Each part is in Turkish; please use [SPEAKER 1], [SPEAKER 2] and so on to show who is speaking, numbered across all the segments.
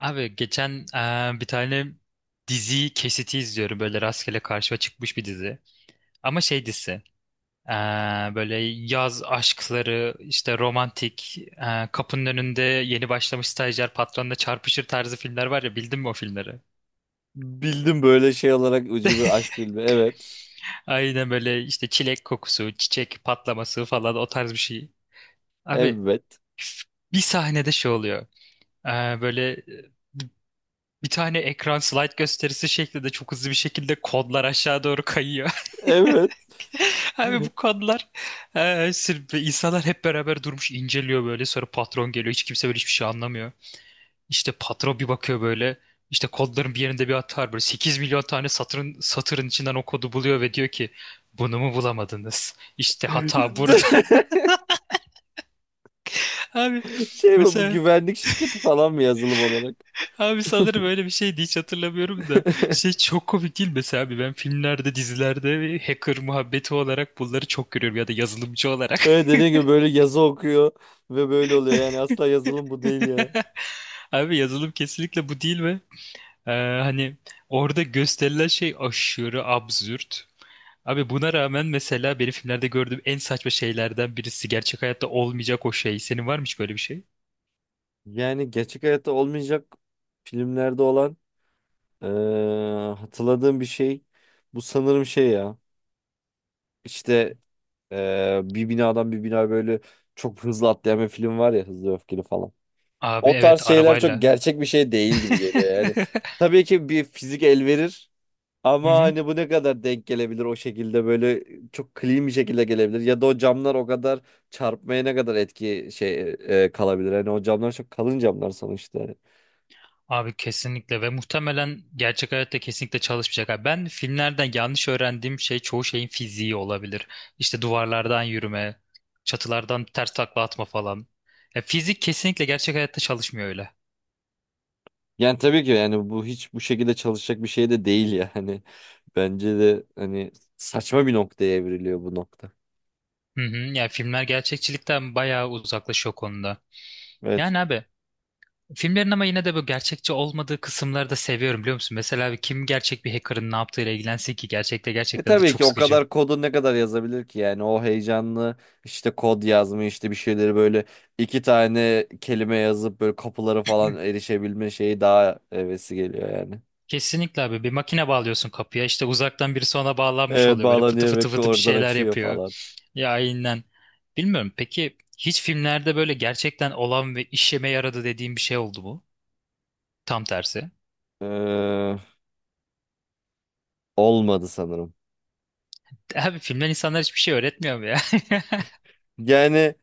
[SPEAKER 1] Abi geçen bir tane dizi kesiti izliyorum böyle rastgele karşıma çıkmış bir dizi. Ama şey dizisi, böyle yaz aşkları işte romantik, kapının önünde yeni başlamış stajyer patronla çarpışır tarzı filmler var ya, bildin mi o filmleri?
[SPEAKER 2] Bildim böyle şey olarak ucube aşk bilme. Evet.
[SPEAKER 1] Aynen böyle işte çilek kokusu, çiçek patlaması falan o tarz bir şey. Abi
[SPEAKER 2] Evet.
[SPEAKER 1] üf, bir sahnede şey oluyor. Eee, böyle e, bir tane ekran slide gösterisi şeklinde çok hızlı bir şekilde kodlar aşağı doğru kayıyor.
[SPEAKER 2] Evet.
[SPEAKER 1] Abi bu kadınlar, insanlar hep beraber durmuş inceliyor böyle, sonra patron geliyor, hiç kimse böyle hiçbir şey anlamıyor. İşte patron bir bakıyor böyle, işte kodların bir yerinde bir hata var böyle, 8.000.000 tane satırın, satırın içinden o kodu buluyor ve diyor ki bunu mu bulamadınız? İşte hata burada. Abi
[SPEAKER 2] Şey mi bu
[SPEAKER 1] mesela,
[SPEAKER 2] güvenlik şirketi falan mı yazılım olarak?
[SPEAKER 1] abi sanırım öyle bir şeydi, hiç hatırlamıyorum da şey, çok komik değil mi? Mesela abi ben filmlerde, dizilerde hacker muhabbeti olarak bunları çok görüyorum ya da yazılımcı olarak.
[SPEAKER 2] Evet, dediğim gibi böyle yazı okuyor ve böyle oluyor. Yani asla yazılım bu değil ya.
[SPEAKER 1] Abi yazılım kesinlikle bu değil ve Ee, hani orada gösterilen şey aşırı absürt. Abi buna rağmen mesela benim filmlerde gördüğüm en saçma şeylerden birisi, gerçek hayatta olmayacak o şey. Senin var mı hiç böyle bir şey?
[SPEAKER 2] Yani gerçek hayatta olmayacak filmlerde olan eee, hatırladığım bir şey. Bu sanırım şey ya. İşte bir binadan bir bina böyle çok hızlı atlayan bir film var ya, Hızlı Öfkeli falan.
[SPEAKER 1] Abi
[SPEAKER 2] O tarz
[SPEAKER 1] evet,
[SPEAKER 2] şeyler çok
[SPEAKER 1] arabayla.
[SPEAKER 2] gerçek bir şey değil gibi geliyor yani. Tabii ki bir fizik el verir
[SPEAKER 1] Hı
[SPEAKER 2] ama
[SPEAKER 1] hı.
[SPEAKER 2] hani bu ne kadar denk gelebilir o şekilde böyle çok clean bir şekilde gelebilir ya da o camlar o kadar çarpmaya ne kadar etki şey kalabilir. Hani o camlar çok kalın camlar sonuçta.
[SPEAKER 1] Abi kesinlikle, ve muhtemelen gerçek hayatta kesinlikle çalışmayacak. Abi ben filmlerden yanlış öğrendiğim şey çoğu şeyin fiziği olabilir. İşte duvarlardan yürüme, çatılardan ters takla atma falan. Ya fizik kesinlikle gerçek hayatta çalışmıyor öyle.
[SPEAKER 2] Yani tabii ki yani bu hiç bu şekilde çalışacak bir şey de değil yani. Bence de hani saçma bir noktaya evriliyor bu nokta.
[SPEAKER 1] Hı hı, yani filmler gerçekçilikten bayağı uzaklaşıyor o konuda.
[SPEAKER 2] Evet.
[SPEAKER 1] Yani abi, filmlerin ama yine de bu gerçekçi olmadığı kısımları da seviyorum biliyor musun? Mesela abi kim gerçek bir hacker'ın ne yaptığıyla ilgilensin ki, gerçekte
[SPEAKER 2] E,
[SPEAKER 1] gerçekten de
[SPEAKER 2] tabii ki
[SPEAKER 1] çok
[SPEAKER 2] o
[SPEAKER 1] sıkıcı.
[SPEAKER 2] kadar kodu ne kadar yazabilir ki yani o heyecanlı işte kod yazma işte bir şeyleri böyle iki tane kelime yazıp böyle kapılara falan erişebilme şeyi daha hevesi geliyor yani.
[SPEAKER 1] Kesinlikle abi, bir makine bağlıyorsun kapıya, işte uzaktan birisi ona bağlanmış
[SPEAKER 2] Evet,
[SPEAKER 1] oluyor, böyle fıtı
[SPEAKER 2] bağlanıyor
[SPEAKER 1] fıtı
[SPEAKER 2] ve
[SPEAKER 1] fıtı bir
[SPEAKER 2] oradan
[SPEAKER 1] şeyler
[SPEAKER 2] açıyor
[SPEAKER 1] yapıyor,
[SPEAKER 2] falan.
[SPEAKER 1] ya aynen. Bilmiyorum, peki hiç filmlerde böyle gerçekten olan ve işeme yaradı dediğin bir şey oldu mu, tam tersi?
[SPEAKER 2] Ee, Olmadı sanırım.
[SPEAKER 1] Abi filmler insanlar hiçbir şey öğretmiyor mu ya?
[SPEAKER 2] Yani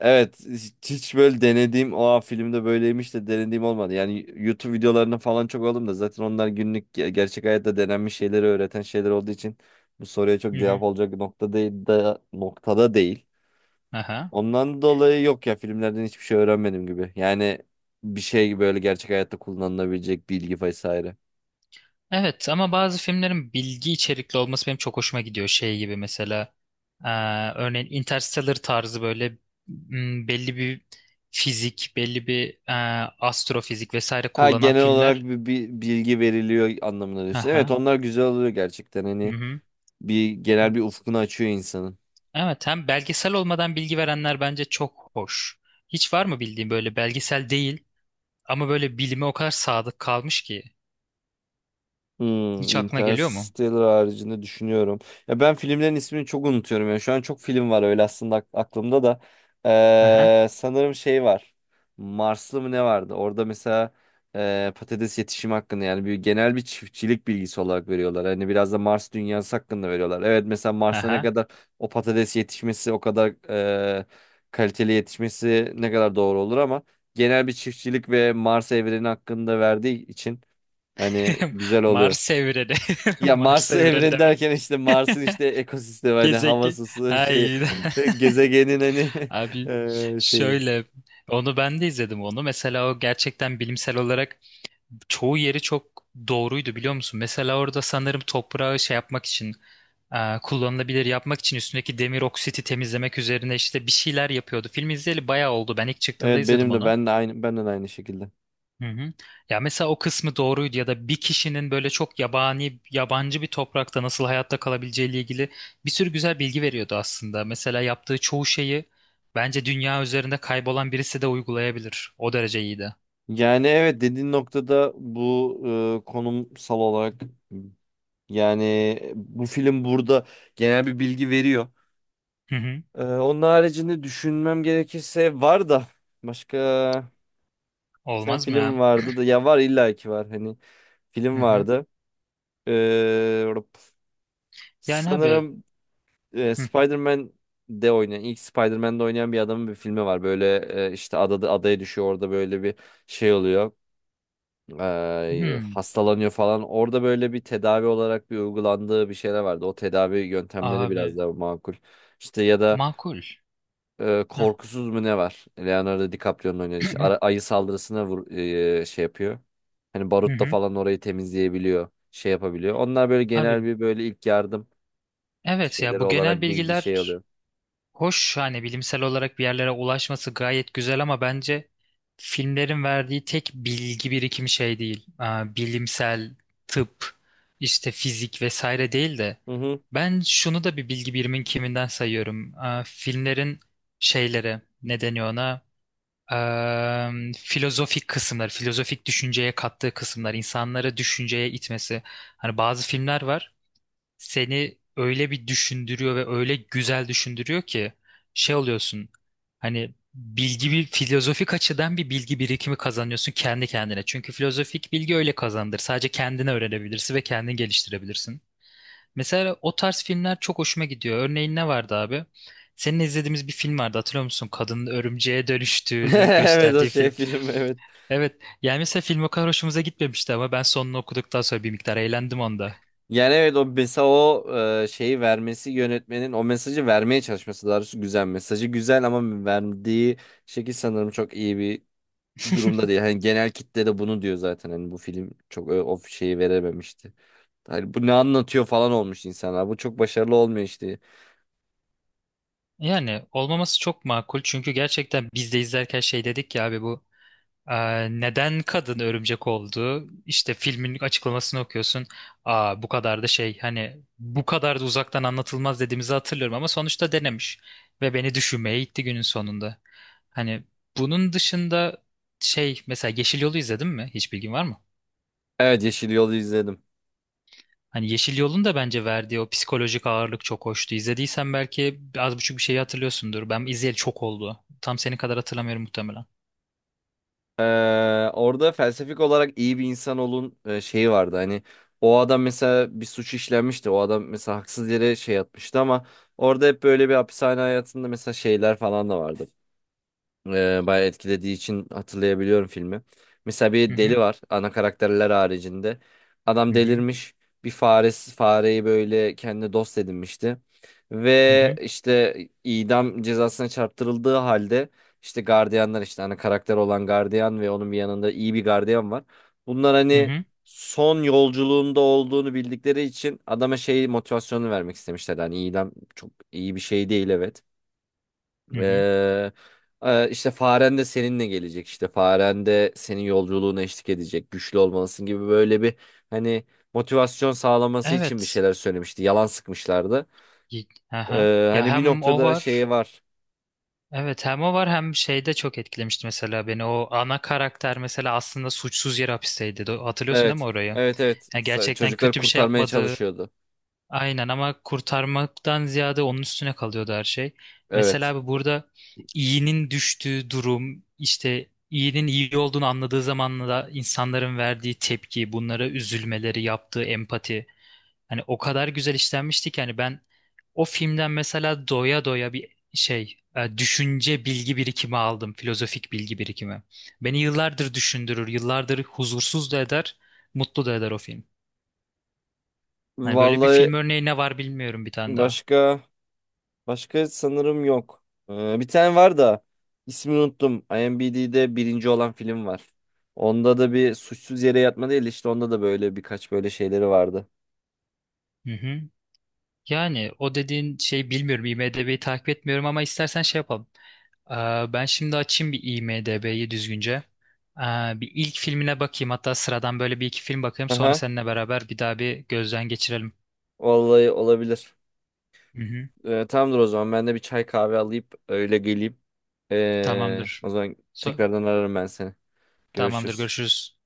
[SPEAKER 2] evet, hiç böyle denediğim o filmde böyleymiş de denediğim olmadı. Yani YouTube videolarını falan çok aldım da zaten onlar günlük gerçek hayatta denenmiş şeyleri öğreten şeyler olduğu için bu soruya
[SPEAKER 1] Hı
[SPEAKER 2] çok cevap
[SPEAKER 1] hı.
[SPEAKER 2] olacak nokta değil de noktada değil.
[SPEAKER 1] Aha.
[SPEAKER 2] Ondan dolayı yok ya, filmlerden hiçbir şey öğrenmedim gibi. Yani bir şey böyle gerçek hayatta kullanılabilecek bilgi vesaire.
[SPEAKER 1] Evet ama bazı filmlerin bilgi içerikli olması benim çok hoşuma gidiyor. Şey gibi, mesela örneğin Interstellar tarzı böyle, belli bir fizik, belli bir astrofizik vesaire
[SPEAKER 2] Ha,
[SPEAKER 1] kullanan
[SPEAKER 2] genel olarak
[SPEAKER 1] filmler.
[SPEAKER 2] bir bilgi veriliyor anlamına diyorsun. Evet,
[SPEAKER 1] Aha.
[SPEAKER 2] onlar güzel oluyor gerçekten hani
[SPEAKER 1] Mhm.
[SPEAKER 2] bir genel bir ufkunu açıyor insanın.
[SPEAKER 1] Evet, hem belgesel olmadan bilgi verenler bence çok hoş. Hiç var mı bildiğin böyle belgesel değil ama böyle bilime o kadar sadık kalmış ki?
[SPEAKER 2] Hmm,
[SPEAKER 1] Hiç aklına geliyor mu?
[SPEAKER 2] Interstellar haricinde düşünüyorum. Ya ben filmlerin ismini çok unutuyorum. Ya şu an çok film var öyle aslında aklımda da.
[SPEAKER 1] Aha.
[SPEAKER 2] Sanırım şey var. Marslı mı ne vardı? Orada mesela patates yetişimi hakkında yani bir genel bir çiftçilik bilgisi olarak veriyorlar. Hani biraz da Mars dünyası hakkında veriyorlar. Evet, mesela Mars'ta ne
[SPEAKER 1] Aha.
[SPEAKER 2] kadar o patates yetişmesi o kadar e, kaliteli yetişmesi ne kadar doğru olur ama genel bir çiftçilik ve Mars evreni hakkında verdiği için hani güzel oluyor.
[SPEAKER 1] Mars evreni.
[SPEAKER 2] Ya
[SPEAKER 1] Mars
[SPEAKER 2] Mars'ı
[SPEAKER 1] evreni
[SPEAKER 2] evren
[SPEAKER 1] demek.
[SPEAKER 2] derken işte Mars'ın işte ekosistemi hani
[SPEAKER 1] Gezegen.
[SPEAKER 2] havası, su, şey
[SPEAKER 1] Ay.
[SPEAKER 2] gezegenin hani
[SPEAKER 1] Abi
[SPEAKER 2] şeyi.
[SPEAKER 1] şöyle, onu ben de izledim onu. Mesela o gerçekten bilimsel olarak çoğu yeri çok doğruydu biliyor musun? Mesela orada sanırım toprağı şey yapmak için, kullanılabilir yapmak için üstündeki demir oksiti temizlemek üzerine işte bir şeyler yapıyordu. Film izleyeli bayağı oldu. Ben ilk çıktığında
[SPEAKER 2] Evet,
[SPEAKER 1] izledim
[SPEAKER 2] benim de
[SPEAKER 1] onu.
[SPEAKER 2] ben de aynı benden aynı şekilde.
[SPEAKER 1] Hı hı. Ya mesela o kısmı doğruydu, ya da bir kişinin böyle çok yabani, yabancı bir toprakta nasıl hayatta kalabileceğiyle ilgili bir sürü güzel bilgi veriyordu aslında. Mesela yaptığı çoğu şeyi bence dünya üzerinde kaybolan birisi de uygulayabilir. O derece iyiydi.
[SPEAKER 2] Yani evet, dediğin noktada bu konumsal olarak yani bu film burada genel bir bilgi veriyor.
[SPEAKER 1] Hı hı.
[SPEAKER 2] Onun haricinde düşünmem gerekirse var da başka sen
[SPEAKER 1] Olmaz mı
[SPEAKER 2] film
[SPEAKER 1] ya?
[SPEAKER 2] vardı da ya var illa ki var hani
[SPEAKER 1] Hı
[SPEAKER 2] film
[SPEAKER 1] hı.
[SPEAKER 2] vardı. Eee
[SPEAKER 1] Yani abi,
[SPEAKER 2] Sanırım
[SPEAKER 1] hı.
[SPEAKER 2] Spider-Man de oynayan ilk Spider-Man'de oynayan bir adamın bir filmi var. Böyle işte adaya düşüyor orada böyle bir şey oluyor. E,
[SPEAKER 1] Hmm,
[SPEAKER 2] hastalanıyor falan. Orada böyle bir tedavi olarak bir uygulandığı bir şeyler vardı. O tedavi yöntemleri biraz
[SPEAKER 1] abi
[SPEAKER 2] daha makul. İşte ya da
[SPEAKER 1] makul. Heh.
[SPEAKER 2] Korkusuz mu ne var? Leonardo DiCaprio'nun oynadığı işte ayı saldırısına vur, şey yapıyor. Hani
[SPEAKER 1] Hı
[SPEAKER 2] barutla
[SPEAKER 1] hı.
[SPEAKER 2] falan orayı temizleyebiliyor, şey yapabiliyor. Onlar böyle genel
[SPEAKER 1] Abi
[SPEAKER 2] bir böyle ilk yardım
[SPEAKER 1] evet ya,
[SPEAKER 2] şeyleri
[SPEAKER 1] bu
[SPEAKER 2] olarak
[SPEAKER 1] genel
[SPEAKER 2] bilgi şey
[SPEAKER 1] bilgiler
[SPEAKER 2] alıyor.
[SPEAKER 1] hoş, hani bilimsel olarak bir yerlere ulaşması gayet güzel, ama bence filmlerin verdiği tek bilgi birikimi şey değil. Aa, bilimsel, tıp, işte fizik vesaire değil de
[SPEAKER 2] Hı hı.
[SPEAKER 1] ben şunu da bir bilgi birimin kiminden sayıyorum. Aa, filmlerin şeyleri ne deniyor ona? Filozofik kısımlar, filozofik düşünceye kattığı kısımlar, insanları düşünceye itmesi. Hani bazı filmler var, seni öyle bir düşündürüyor ve öyle güzel düşündürüyor ki şey oluyorsun. Hani bilgi, bir filozofik açıdan bir bilgi birikimi kazanıyorsun kendi kendine. Çünkü filozofik bilgi öyle kazandır. Sadece kendine öğrenebilirsin ve kendini geliştirebilirsin. Mesela o tarz filmler çok hoşuma gidiyor. Örneğin ne vardı abi? Seninle izlediğimiz bir film vardı, hatırlıyor musun? Kadının örümceğe dönüştüğünü
[SPEAKER 2] Evet, o
[SPEAKER 1] gösterdiği
[SPEAKER 2] şey
[SPEAKER 1] film.
[SPEAKER 2] film evet.
[SPEAKER 1] Evet. Yani mesela film o kadar hoşumuza gitmemişti ama ben sonunu okuduktan sonra bir miktar eğlendim onda.
[SPEAKER 2] Yani evet, o mesela o şeyi vermesi yönetmenin o mesajı vermeye çalışması daha doğrusu güzel. Mesajı güzel ama verdiği şekil sanırım çok iyi bir durumda değil. Hani genel kitle de bunu diyor zaten. Hani bu film çok o şeyi verememişti. Hani bu ne anlatıyor falan olmuş insanlar. Bu çok başarılı olmuyor işte.
[SPEAKER 1] Yani olmaması çok makul, çünkü gerçekten biz de izlerken şey dedik ya abi, bu neden kadın örümcek oldu? İşte filmin açıklamasını okuyorsun. Aa, bu kadar da şey, hani bu kadar da uzaktan anlatılmaz dediğimizi hatırlıyorum, ama sonuçta denemiş ve beni düşünmeye itti günün sonunda. Hani bunun dışında, şey mesela Yeşil Yol'u izledin mi? Hiç bilgin var mı?
[SPEAKER 2] Evet, Yeşil Yol'u izledim.
[SPEAKER 1] Hani Yeşil Yol'un da bence verdiği o psikolojik ağırlık çok hoştu. İzlediysen belki az buçuk bir şeyi hatırlıyorsundur. Ben izleyeli çok oldu. Tam senin kadar hatırlamıyorum muhtemelen.
[SPEAKER 2] Ee, Orada felsefik olarak iyi bir insan olun şeyi vardı. Hani o adam mesela bir suç işlenmişti. O adam mesela haksız yere şey yatmıştı ama orada hep böyle bir hapishane hayatında mesela şeyler falan da vardı bayağı etkilediği için hatırlayabiliyorum filmi. Mesela
[SPEAKER 1] Hı
[SPEAKER 2] bir
[SPEAKER 1] hı
[SPEAKER 2] deli var ana karakterler haricinde. Adam
[SPEAKER 1] hı hı
[SPEAKER 2] delirmiş. Bir faresi, fareyi böyle kendi dost edinmişti. Ve
[SPEAKER 1] hı
[SPEAKER 2] işte idam cezasına çarptırıldığı halde işte gardiyanlar işte ana karakter olan gardiyan ve onun bir yanında iyi bir gardiyan var. Bunlar
[SPEAKER 1] hı
[SPEAKER 2] hani
[SPEAKER 1] hı.
[SPEAKER 2] son yolculuğunda olduğunu bildikleri için adama şey motivasyonu vermek istemişler. Hani idam çok iyi bir şey değil, evet.
[SPEAKER 1] Hı.
[SPEAKER 2] Ee, işte faren de seninle gelecek işte faren de senin yolculuğuna eşlik edecek güçlü olmalısın gibi böyle bir hani motivasyon sağlaması için bir
[SPEAKER 1] Evet.
[SPEAKER 2] şeyler söylemişti yalan sıkmışlardı.
[SPEAKER 1] Y-. Aha. Ya
[SPEAKER 2] Hani bir
[SPEAKER 1] hem o
[SPEAKER 2] noktada
[SPEAKER 1] var.
[SPEAKER 2] şeyi var.
[SPEAKER 1] Evet hem o var, hem şeyde çok etkilemişti mesela beni. O ana karakter mesela aslında suçsuz yere hapisteydi. Do-. Hatırlıyorsun değil mi
[SPEAKER 2] Evet,
[SPEAKER 1] orayı?
[SPEAKER 2] evet, evet,
[SPEAKER 1] Ya gerçekten
[SPEAKER 2] Çocukları
[SPEAKER 1] kötü bir şey
[SPEAKER 2] kurtarmaya
[SPEAKER 1] yapmadığı,
[SPEAKER 2] çalışıyordu.
[SPEAKER 1] aynen, ama kurtarmaktan ziyade onun üstüne kalıyordu her şey. Mesela
[SPEAKER 2] Evet,
[SPEAKER 1] abi burada iyinin düştüğü durum, işte iyinin iyi olduğunu anladığı zamanla da insanların verdiği tepki, bunlara üzülmeleri, yaptığı empati. Hani o kadar güzel işlenmişti ki, hani ben o filmden mesela doya doya bir şey, düşünce, bilgi birikimi aldım. Filozofik bilgi birikimi. Beni yıllardır düşündürür, yıllardır huzursuz da eder, mutlu da eder o film. Hani böyle bir
[SPEAKER 2] vallahi
[SPEAKER 1] film örneği ne var bilmiyorum, bir tane daha.
[SPEAKER 2] başka başka sanırım yok. Bir tane var da ismini unuttum. IMDb'de birinci olan film var. Onda da bir suçsuz yere yatma değil işte onda da böyle birkaç böyle şeyleri vardı.
[SPEAKER 1] Hı hı. Yani o dediğin şey, bilmiyorum. IMDb'yi takip etmiyorum ama istersen şey yapalım. Aa, ben şimdi açayım bir IMDb'yi düzgünce. Aa, bir ilk filmine bakayım. Hatta sıradan böyle bir iki film bakayım. Sonra
[SPEAKER 2] Aha,
[SPEAKER 1] seninle beraber bir daha bir gözden geçirelim.
[SPEAKER 2] vallahi olabilir.
[SPEAKER 1] Hı hı.
[SPEAKER 2] Tamamdır o zaman, ben de bir çay kahve alayım öyle geleyim.
[SPEAKER 1] Tamamdır.
[SPEAKER 2] O zaman
[SPEAKER 1] So-.
[SPEAKER 2] tekrardan ararım ben seni.
[SPEAKER 1] Tamamdır.
[SPEAKER 2] Görüşürüz.
[SPEAKER 1] Görüşürüz.